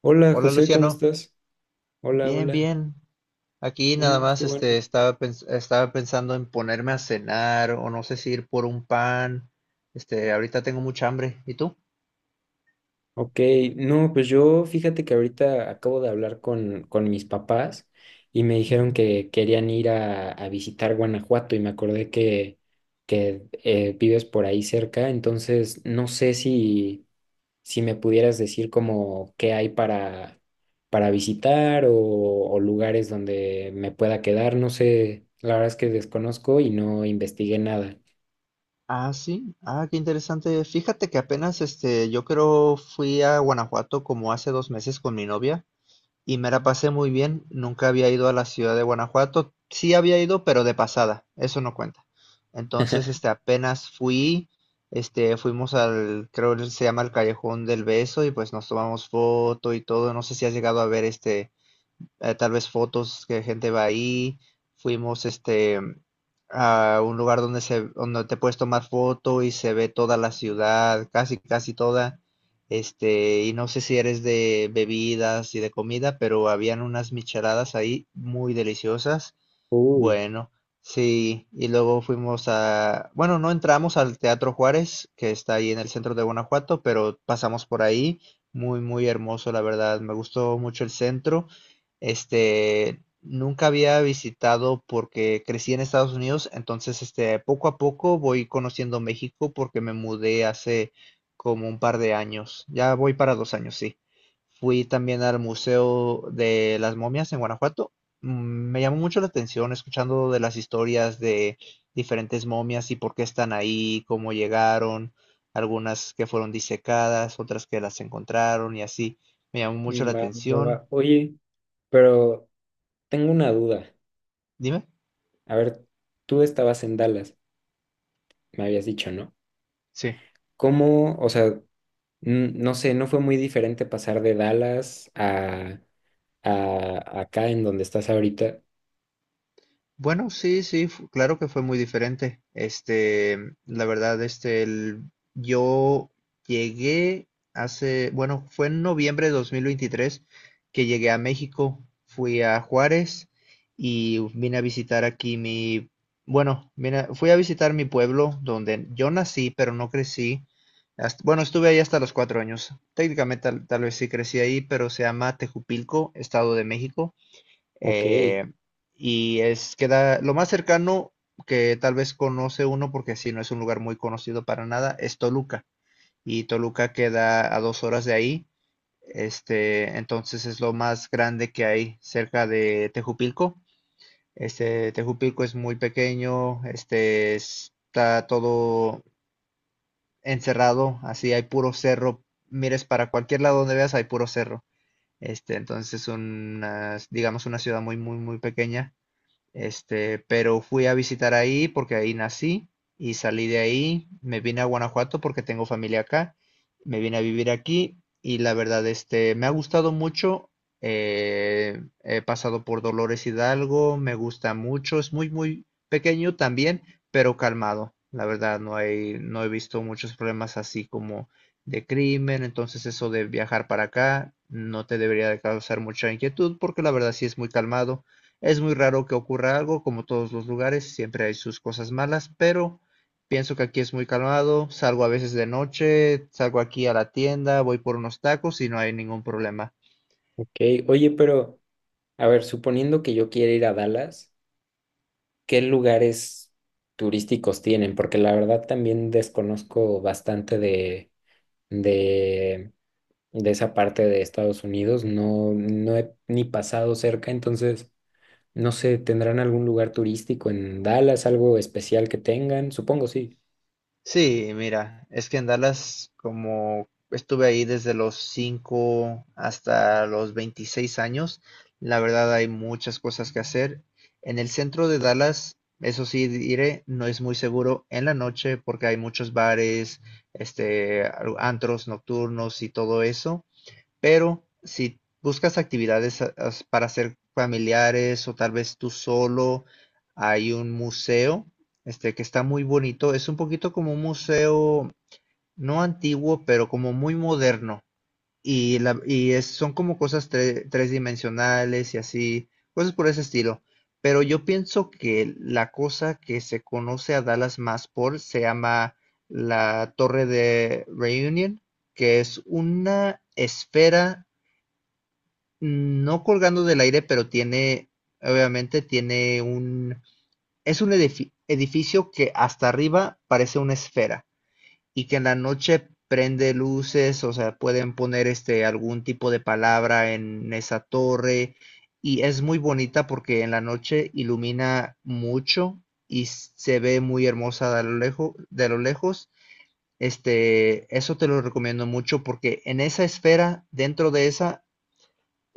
Hola Hola José, ¿cómo Luciano, estás? Hola, bien, hola. bien. Aquí nada Mm, más qué bueno. Estaba pensando en ponerme a cenar o no sé si ir por un pan. Ahorita tengo mucha hambre. ¿Y tú? Ok, no, pues yo fíjate que ahorita acabo de hablar con mis papás y me dijeron Ujú. que querían ir a visitar Guanajuato y me acordé que vives por ahí cerca, entonces no sé si, si me pudieras decir como qué hay para visitar o lugares donde me pueda quedar, no sé, la verdad es que desconozco y no investigué nada. Ah, sí. Ah, qué interesante. Fíjate que apenas yo creo fui a Guanajuato como hace 2 meses con mi novia. Y me la pasé muy bien. Nunca había ido a la ciudad de Guanajuato. Sí había ido, pero de pasada. Eso no cuenta. Entonces, apenas fui, fuimos al, creo que se llama el Callejón del Beso y pues nos tomamos foto y todo. No sé si has llegado a ver tal vez fotos que gente va ahí. Fuimos a un lugar donde te puedes tomar foto y se ve toda la ciudad, casi casi toda. Y no sé si eres de bebidas y de comida, pero habían unas micheladas ahí muy deliciosas. Uy. Bueno, sí, y luego fuimos a, bueno, no entramos al Teatro Juárez, que está ahí en el centro de Guanajuato, pero pasamos por ahí, muy, muy hermoso, la verdad, me gustó mucho el centro. Nunca había visitado porque crecí en Estados Unidos, entonces, poco a poco voy conociendo México porque me mudé hace como un par de años, ya voy para 2 años, sí. Fui también al Museo de las Momias en Guanajuato. Me llamó mucho la atención escuchando de las historias de diferentes momias y por qué están ahí, cómo llegaron, algunas que fueron disecadas, otras que las encontraron y así. Me llamó mucho la Va, va, va. atención. Oye, pero tengo una duda. Dime. A ver, tú estabas en Dallas, me habías dicho, ¿no? Sí. ¿Cómo, o sea, no sé, no fue muy diferente pasar de Dallas a acá en donde estás ahorita? Bueno, sí, sí, claro que fue muy diferente. La verdad, yo llegué hace, bueno, fue en noviembre de 2023 que llegué a México, fui a Juárez y vine a visitar aquí mi, bueno, fui a visitar mi pueblo donde yo nací, pero no crecí. Bueno, estuve ahí hasta los 4 años. Técnicamente tal vez sí crecí ahí, pero se llama Tejupilco, Estado de México. Ok, Eh, y es queda lo más cercano que tal vez conoce uno, porque si no es un lugar muy conocido para nada, es Toluca. Y Toluca queda a 2 horas de ahí. Entonces es lo más grande que hay cerca de Tejupilco. Tejupilco es muy pequeño, está todo encerrado, así hay puro cerro. Mires para cualquier lado donde veas, hay puro cerro. Entonces es una, digamos, una ciudad muy, muy, muy pequeña, pero fui a visitar ahí porque ahí nací y salí de ahí, me vine a Guanajuato porque tengo familia acá, me vine a vivir aquí y la verdad, me ha gustado mucho. He pasado por Dolores Hidalgo, me gusta mucho, es muy, muy pequeño también, pero calmado. La verdad, no hay, no he visto muchos problemas así como de crimen, entonces eso de viajar para acá no te debería de causar mucha inquietud porque la verdad sí es muy calmado. Es muy raro que ocurra algo, como todos los lugares, siempre hay sus cosas malas, pero pienso que aquí es muy calmado. Salgo a veces de noche, salgo aquí a la tienda, voy por unos tacos y no hay ningún problema. ok. Oye, pero, a ver, suponiendo que yo quiera ir a Dallas, ¿qué lugares turísticos tienen? Porque la verdad también desconozco bastante de de esa parte de Estados Unidos. No, no he ni pasado cerca, entonces no sé, ¿tendrán algún lugar turístico en Dallas, algo especial que tengan? Supongo sí. Sí, mira, es que en Dallas, como estuve ahí desde los 5 hasta los 26 años, la verdad hay muchas cosas que hacer. En el centro de Dallas, eso sí diré, no es muy seguro en la noche porque hay muchos bares, antros nocturnos y todo eso. Pero si buscas actividades para hacer familiares o tal vez tú solo, hay un museo que está muy bonito. Es un poquito como un museo, no antiguo, pero como muy moderno. Y son como cosas tres dimensionales y así, cosas por ese estilo. Pero yo pienso que la cosa que se conoce a Dallas más por se llama la Torre de Reunion, que es una esfera, no colgando del aire, pero tiene, obviamente tiene un, es un edificio que hasta arriba parece una esfera y que en la noche prende luces, o sea, pueden poner algún tipo de palabra en esa torre y es muy bonita porque en la noche ilumina mucho y se ve muy hermosa de lo lejos, de lo lejos. Eso te lo recomiendo mucho porque en esa esfera, dentro de esa,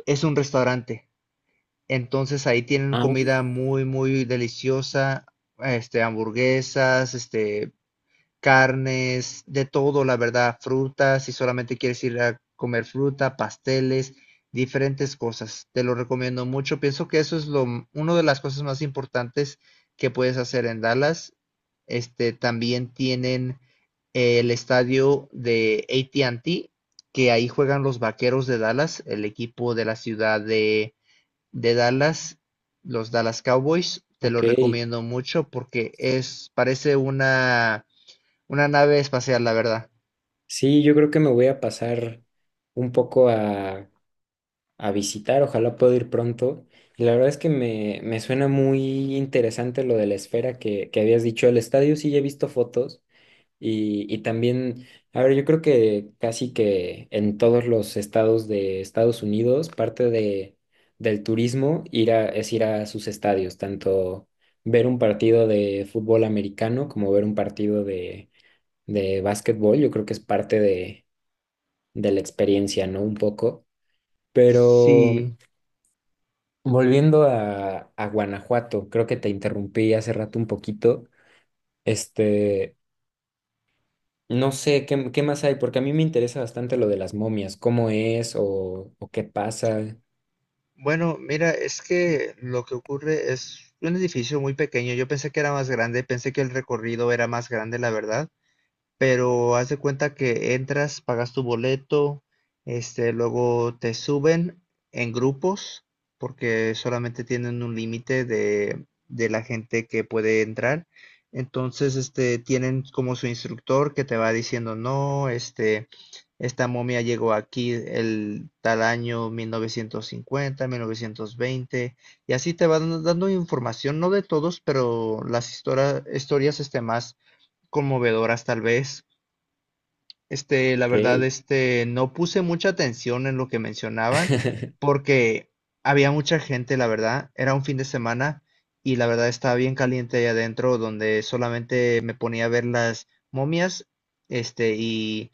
es un restaurante, entonces ahí tienen Ah, comida muy, muy deliciosa, hamburguesas, carnes, de todo, la verdad, frutas, si solamente quieres ir a comer fruta, pasteles, diferentes cosas. Te lo recomiendo mucho. Pienso que eso es una de las cosas más importantes que puedes hacer en Dallas. También tienen el estadio de AT&T, que ahí juegan los Vaqueros de Dallas, el equipo de la ciudad de Dallas, los Dallas Cowboys, te lo ok. recomiendo mucho porque es, parece una nave espacial, la verdad. Sí, yo creo que me voy a pasar un poco a visitar, ojalá pueda ir pronto. Y la verdad es que me suena muy interesante lo de la esfera que habías dicho. El estadio sí ya he visto fotos. Y también, a ver, yo creo que casi que en todos los estados de Estados Unidos, parte de, del turismo ir a, es ir a sus estadios, tanto ver un partido de fútbol americano como ver un partido de básquetbol. Yo creo que es parte de la experiencia, ¿no? Un poco. Pero Sí. volviendo a Guanajuato, creo que te interrumpí hace rato un poquito. Este, no sé, ¿qué, qué más hay? Porque a mí me interesa bastante lo de las momias, cómo es o qué pasa. Bueno, mira, es que lo que ocurre es un edificio muy pequeño. Yo pensé que era más grande, pensé que el recorrido era más grande, la verdad. Pero haz de cuenta que entras, pagas tu boleto, luego te suben en grupos, porque solamente tienen un límite de la gente que puede entrar. Entonces, tienen como su instructor que te va diciendo, no, esta momia llegó aquí el tal año 1950, 1920, y así te van dando información, no de todos, pero las historias, más conmovedoras tal vez. La verdad, ¿Qué? No puse mucha atención en lo que mencionaban porque había mucha gente, la verdad. Era un fin de semana y la verdad estaba bien caliente ahí adentro donde solamente me ponía a ver las momias, y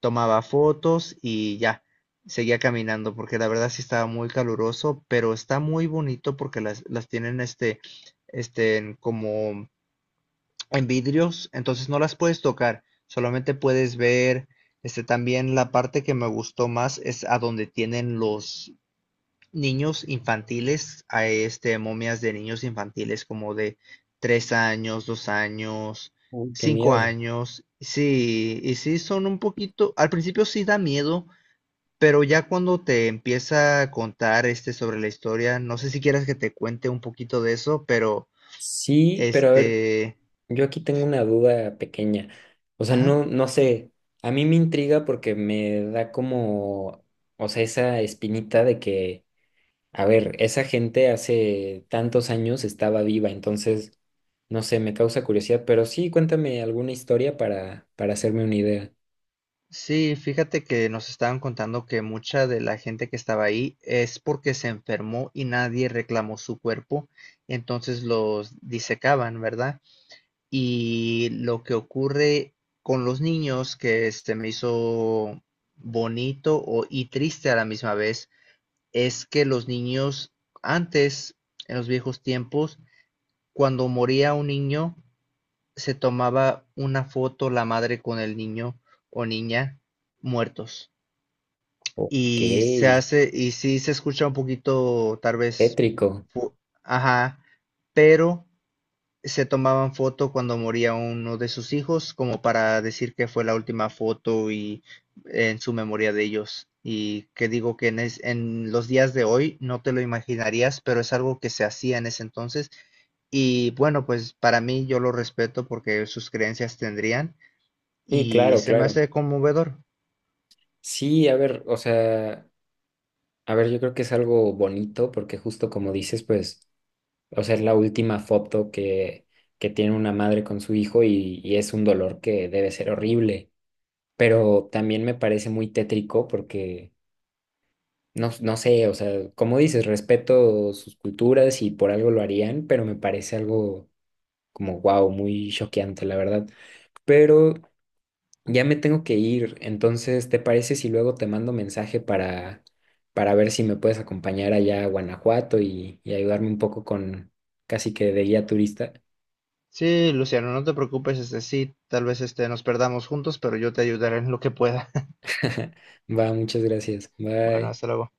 tomaba fotos y ya, seguía caminando porque la verdad sí estaba muy caluroso, pero está muy bonito porque las tienen, como en vidrios, entonces no las puedes tocar, solamente puedes ver. También la parte que me gustó más es a donde tienen los niños infantiles, a momias de niños infantiles como de 3 años, 2 años, Uy, qué cinco miedo. años. Sí, y sí son un poquito, al principio sí da miedo, pero ya cuando te empieza a contar sobre la historia, no sé si quieras que te cuente un poquito de eso, pero Sí, pero a ver, este, yo aquí tengo una duda pequeña. O sea, ajá. no, no sé, a mí me intriga porque me da como, o sea, esa espinita de que, a ver, esa gente hace tantos años estaba viva, entonces, no sé, me causa curiosidad, pero sí, cuéntame alguna historia para hacerme una idea. Sí, fíjate que nos estaban contando que mucha de la gente que estaba ahí es porque se enfermó y nadie reclamó su cuerpo, entonces los disecaban, ¿verdad? Y lo que ocurre con los niños, que se me hizo bonito y triste a la misma vez, es que los niños antes, en los viejos tiempos, cuando moría un niño, se tomaba una foto la madre con el niño o niña muertos Ok. y se hace, y sí se escucha un poquito, tal vez, Tétrico. fu- ajá, pero se tomaban foto cuando moría uno de sus hijos, como para decir que fue la última foto y en su memoria de ellos. Y que digo que en los días de hoy no te lo imaginarías, pero es algo que se hacía en ese entonces. Y bueno, pues para mí yo lo respeto porque sus creencias tendrían Sí, y claro, se me claro. hace conmovedor. Sí, a ver, o sea, a ver, yo creo que es algo bonito porque justo como dices, pues, o sea, es la última foto que tiene una madre con su hijo y es un dolor que debe ser horrible, pero también me parece muy tétrico porque, no, no sé, o sea, como dices, respeto sus culturas y por algo lo harían, pero me parece algo como, wow, muy choqueante, la verdad. Pero ya me tengo que ir, entonces, ¿te parece si luego te mando mensaje para ver si me puedes acompañar allá a Guanajuato y ayudarme un poco con casi que de guía turista? Sí, Luciano, no te preocupes, sí, tal vez nos perdamos juntos, pero yo te ayudaré en lo que pueda. Va, muchas gracias. Bueno, Bye. hasta luego.